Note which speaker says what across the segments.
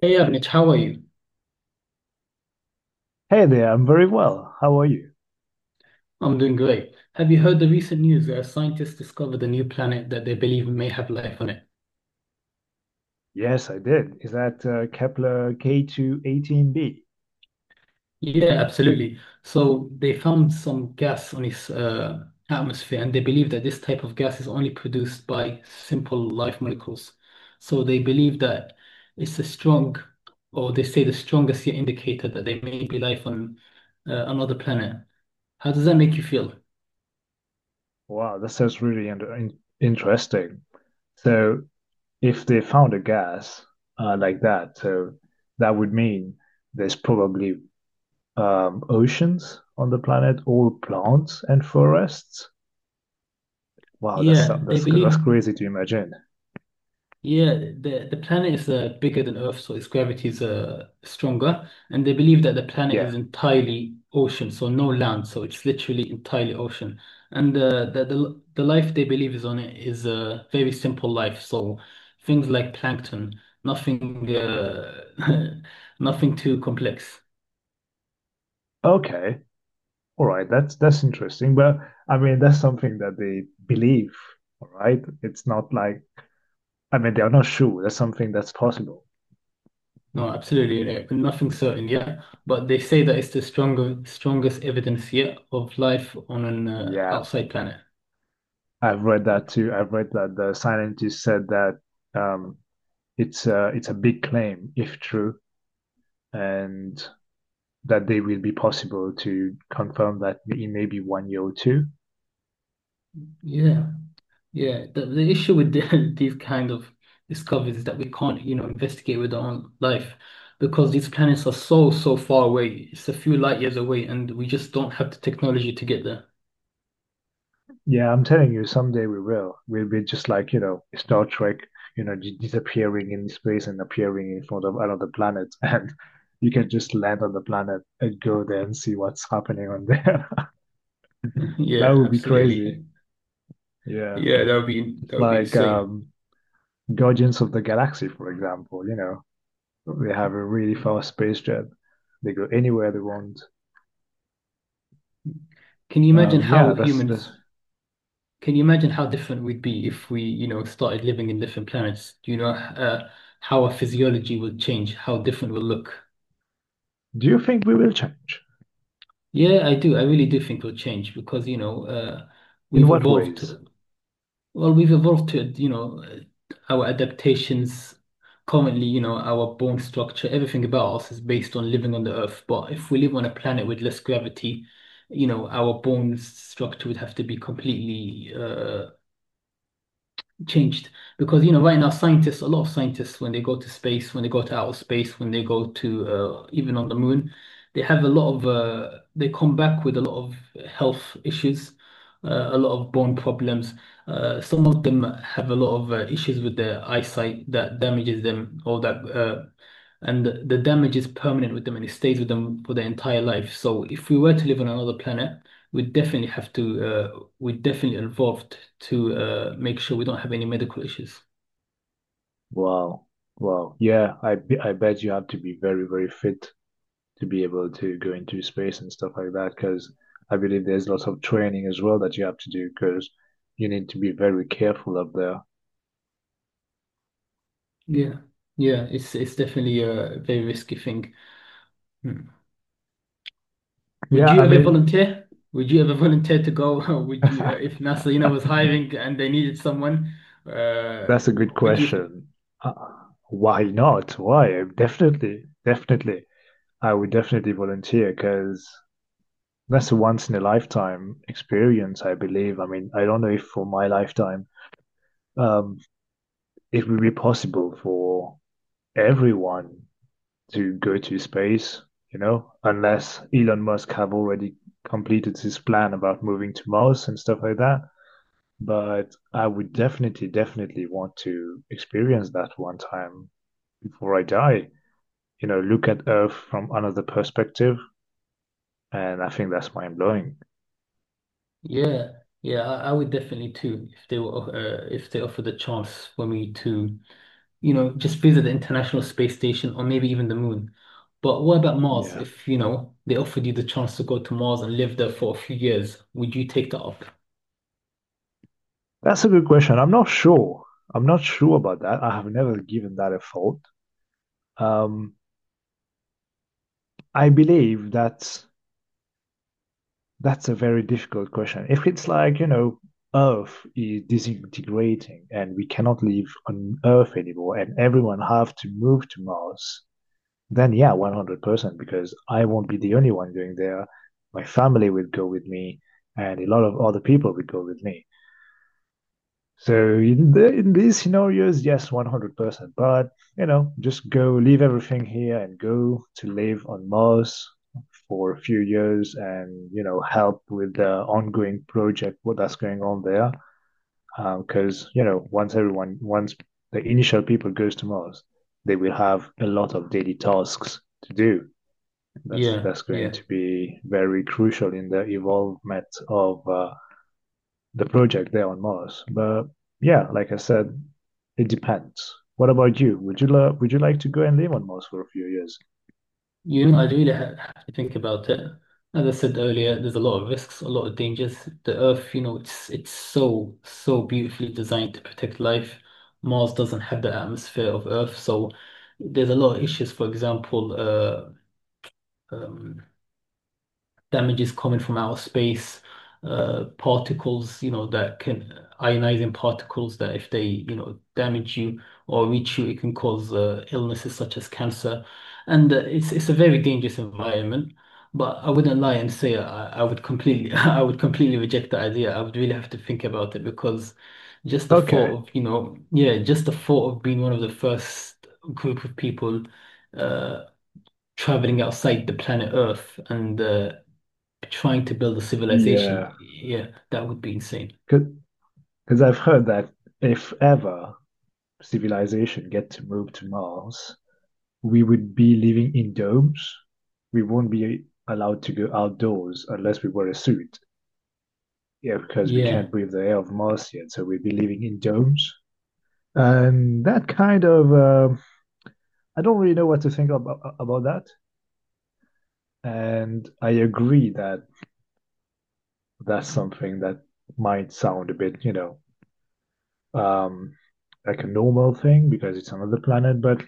Speaker 1: Hey Avnich, how are you?
Speaker 2: Hey there, I'm very well. How are you?
Speaker 1: I'm doing great. Have you heard the recent news where scientists discovered a new planet that they believe may have life on it?
Speaker 2: Yes, I did. Is that Kepler K218b?
Speaker 1: Yeah, absolutely. So they found some gas on its atmosphere, and they believe that this type of gas is only produced by simple life molecules. So they believe that it's a strong, or they say the strongest yet indicator that there may be life on another planet. How does that make you feel?
Speaker 2: Wow, that sounds really under in interesting. So, if they found a gas like that, so that would mean there's probably oceans on the planet, all plants and forests. Wow, that's
Speaker 1: Yeah, they
Speaker 2: that's that's
Speaker 1: believe.
Speaker 2: crazy to imagine.
Speaker 1: Yeah, the planet is bigger than Earth, so its gravity is stronger, and they believe that the planet is
Speaker 2: Yeah.
Speaker 1: entirely ocean, so no land, so it's literally entirely ocean, and the life they believe is on it is a very simple life, so things like plankton, nothing, nothing too complex.
Speaker 2: Okay. All right. That's interesting. But I mean, that's something that they believe. All right. It's not like I mean, they are not sure. That's something that's possible.
Speaker 1: No, absolutely, nothing certain. Yeah, but they say that it's the stronger strongest evidence yet of life on an
Speaker 2: Yeah,
Speaker 1: outside planet.
Speaker 2: I've read that too. I've read that the scientist said that um, it's a big claim if true, and that they will be possible to confirm that in maybe 1 year or two.
Speaker 1: Yeah. Yeah, the issue with these kind of discoveries is that we can't, you know, investigate with our own life because these planets are so, so far away. It's a few light years away, and we just don't have the technology to get there.
Speaker 2: Yeah, I'm telling you, someday we will. We'll be just like, you know, Star Trek, disappearing in space and appearing in front of another planet. And you can just land on the planet and go there and see what's happening on there. That
Speaker 1: Yeah,
Speaker 2: would be crazy.
Speaker 1: absolutely.
Speaker 2: Yeah.
Speaker 1: Yeah, that
Speaker 2: It's
Speaker 1: would be
Speaker 2: like
Speaker 1: insane.
Speaker 2: Guardians of the Galaxy, for example, you know, they have a really fast space jet. They go anywhere they want.
Speaker 1: Can you imagine how
Speaker 2: Yeah, that's that's.
Speaker 1: humans? Can you imagine how different we'd be if we, you know, started living in different planets? Do you know how our physiology will change? How different we'll look?
Speaker 2: Do you think we will change?
Speaker 1: Yeah, I do. I really do think we'll change because, you know,
Speaker 2: In
Speaker 1: we've
Speaker 2: what
Speaker 1: evolved.
Speaker 2: ways?
Speaker 1: Well, we've evolved to, you know, our adaptations. Currently, you know, our bone structure, everything about us is based on living on the Earth. But if we live on a planet with less gravity, you know, our bone structure would have to be completely changed because, you know, right now scientists, a lot of scientists when they go to space, when they go to even on the moon, they have a lot of they come back with a lot of health issues, a lot of bone problems, some of them have a lot of issues with their eyesight that damages them, or that and the damage is permanent with them, and it stays with them for their entire life. So if we were to live on another planet, we definitely have to, we definitely involved to make sure we don't have any medical issues.
Speaker 2: Wow. Wow. Yeah, I bet you have to be very, very fit to be able to go into space and stuff like that, because I believe there's lots of training as well that you have to do, because you need to be very careful up there.
Speaker 1: Yeah, yeah, it's definitely a very risky thing. Hmm. Would
Speaker 2: Yeah,
Speaker 1: you
Speaker 2: I
Speaker 1: ever
Speaker 2: mean,
Speaker 1: volunteer? Would you ever volunteer to go? Would you, if NASA, you know, was hiring and they needed someone,
Speaker 2: that's a good
Speaker 1: what would you think?
Speaker 2: question. Uh, why not? Why? Definitely, definitely. I would definitely volunteer because that's a once in a lifetime experience, I believe. I mean, I don't know if for my lifetime. Um, it will be possible for everyone to go to space, you know, unless Elon Musk have already completed his plan about moving to Mars and stuff like that. But I would definitely, definitely want to experience that one time before I die. You know, look at Earth from another perspective, and I think that's mind blowing.
Speaker 1: Yeah, yeah, I would definitely too if they were if they offered the chance for me to, you know, just visit the International Space Station or maybe even the moon. But what about Mars?
Speaker 2: Yeah,
Speaker 1: If, you know, they offered you the chance to go to Mars and live there for a few years, would you take that up?
Speaker 2: that's a good question. I'm not sure. I'm not sure about that. I have never given that a thought. Um, I believe that That's a very difficult question. If it's like, you know, Earth is disintegrating and we cannot live on Earth anymore and everyone have to move to Mars, then yeah, 100% because I won't be the only one going there. My family will go with me and a lot of other people will go with me. So in these scenarios, yes, 100%. But, you know, just go leave everything here and go to live on Mars for a few years and you know help with the ongoing project what that's going on there because you know once everyone once the initial people goes to Mars, they will have a lot of daily tasks to do. that's
Speaker 1: Yeah,
Speaker 2: that's going
Speaker 1: yeah.
Speaker 2: to be very crucial in the evolvement of the project there on Mars. But yeah, like I said, it depends. What about you? Would you would you like to go and live on Mars for a few years?
Speaker 1: You know, I really ha have to think about it. As I said earlier, there's a lot of risks, a lot of dangers. The Earth, you know, it's so, so beautifully designed to protect life. Mars doesn't have the atmosphere of Earth, so there's a lot of issues. For example, uh, um, damages coming from outer space, particles, you know, that can ionizing particles that if they, you know, damage you or reach you, it can cause illnesses such as cancer. And it's a very dangerous environment. But I wouldn't lie and say I would completely I would completely reject the idea. I would really have to think about it because
Speaker 2: Okay.
Speaker 1: just the thought of being one of the first group of people uh traveling outside the planet Earth and trying to build a civilization.
Speaker 2: Yeah,
Speaker 1: Yeah, that would be insane.
Speaker 2: because because I've heard that if ever civilization get to move to Mars, we would be living in domes. We won't be allowed to go outdoors unless we wear a suit. Yeah, because we can't
Speaker 1: Yeah.
Speaker 2: breathe the air of Mars yet, so we'd be living in domes. And that kind of, I don't really know what to think about that. And I agree that that's something that might sound a bit, you know, um, like a normal thing because it's another planet, but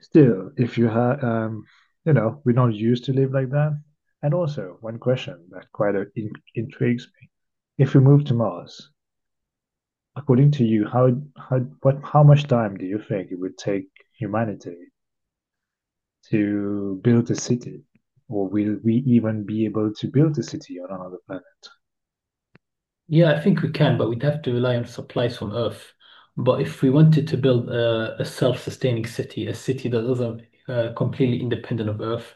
Speaker 2: still, if you have, you know, we're not used to live like that. And also, one question that quite intrigues me: if we move to Mars, according to you, how much time do you think it would take humanity to build a city, or will we even be able to build a city on another planet?
Speaker 1: Yeah, I think we can, but we'd have to rely on supplies from Earth. But if we wanted to build a self-sustaining city, a city that isn't completely independent of Earth,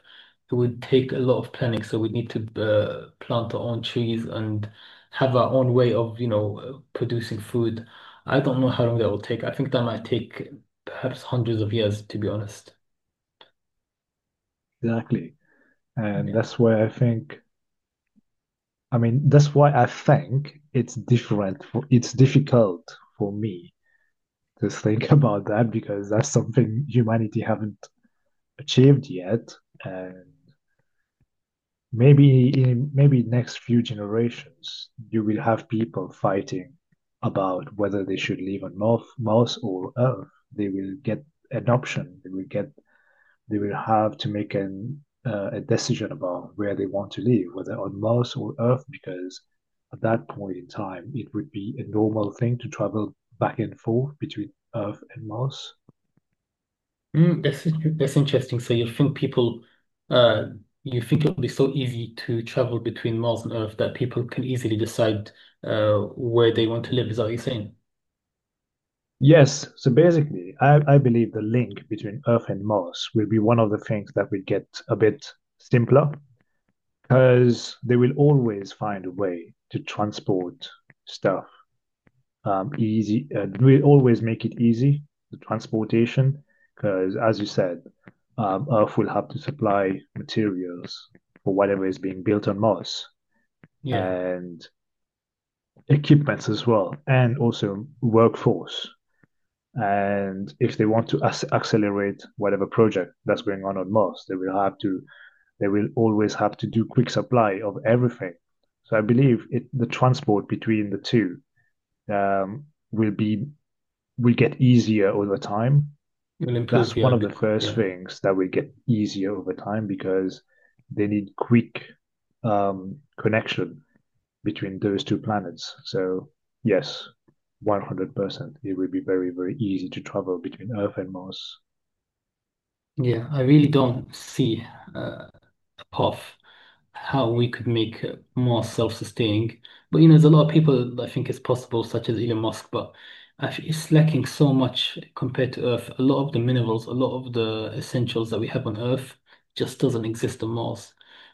Speaker 1: it would take a lot of planning. So we'd need to plant our own trees and have our own way of, you know, producing food. I don't know how long that will take. I think that might take perhaps hundreds of years, to be honest.
Speaker 2: Exactly, and
Speaker 1: Yeah.
Speaker 2: that's why I think. I mean, that's why I think it's different. It's difficult for me just think about that because that's something humanity haven't achieved yet, and maybe next few generations you will have people fighting about whether they should live on Mars or Earth. They will get an option. They will get. They will have to make an a decision about where they want to live, whether on Mars or Earth, because at that point in time it would be a normal thing to travel back and forth between Earth and Mars.
Speaker 1: Mm, that's interesting. So you think people, uh, you think it'll be so easy to travel between Mars and Earth that people can easily decide where they want to live? Is that what you're saying?
Speaker 2: Yes, so basically, I believe the link between Earth and Mars will be one of the things that will get a bit simpler because they will always find a way to transport stuff easy. We'll always make it easy, the transportation, because as you said, Earth will have to supply materials for whatever is being built on Mars,
Speaker 1: Yeah,
Speaker 2: and equipments as well, and also workforce. And if they want to accelerate whatever project that's going on Mars, they will have to they will always have to do quick supply of everything. So I believe the transport between the two um, will be will get easier over time.
Speaker 1: it will improve.
Speaker 2: That's
Speaker 1: Yeah,
Speaker 2: one of the first
Speaker 1: yeah,
Speaker 2: things that will get easier over time because they need quick connection between those two planets. So yes, 100%. It would be very, very easy to travel between Earth and Mars.
Speaker 1: yeah. I really don't see uh, a path, how we could make it more self-sustaining. But you know, there's a lot of people that think it's possible, such as Elon Musk, but actually it's lacking so much compared to Earth. A lot of the minerals, a lot of the essentials that we have on Earth just doesn't exist on Mars.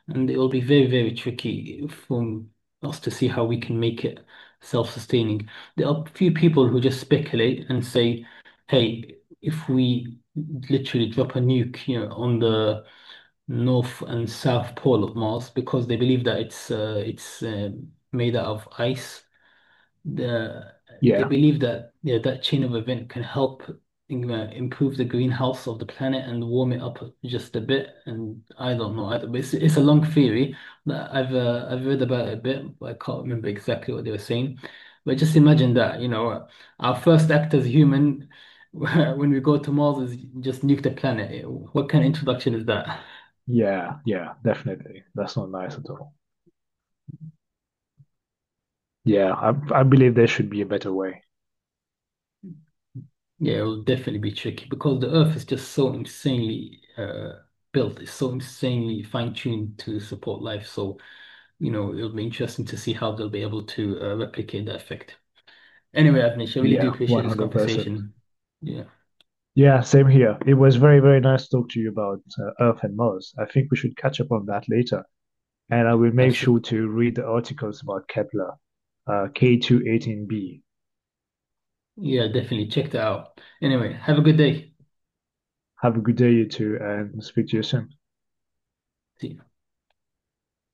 Speaker 1: And it will be very, very tricky for us to see how we can make it self-sustaining. There are a few people who just speculate and say, hey, if we literally drop a nuke, you know, on the north and south pole of Mars, because they believe that it's made out of ice. The, they
Speaker 2: Yeah,
Speaker 1: believe that, yeah, that chain of event can help improve the greenhouse of the planet and warm it up just a bit. And I don't know, it's a long theory that I've read about it a bit, but I can't remember exactly what they were saying. But just imagine that, you know, our first act as human. When we go to Mars, is just nuke the planet. What kind of introduction is that?
Speaker 2: yeah, definitely. That's not nice at all. Yeah, I, I believe there should be a better way.
Speaker 1: Yeah, it'll definitely be tricky because the Earth is just so insanely built. It's so insanely fine-tuned to support life. So, you know, it'll be interesting to see how they'll be able to replicate that effect. Anyway, Avnish, I really do
Speaker 2: Yeah,
Speaker 1: appreciate this
Speaker 2: 100%.
Speaker 1: conversation. Yeah,
Speaker 2: Yeah, same here. It was very, very nice to talk to you about Earth and Mars. I think we should catch up on that later. And I will make sure
Speaker 1: absolutely.
Speaker 2: to read the articles about Kepler, K218b.
Speaker 1: Yeah, definitely. Check that out. Anyway, have a good day.
Speaker 2: Have a good day, you two, and speak to you soon.
Speaker 1: See you.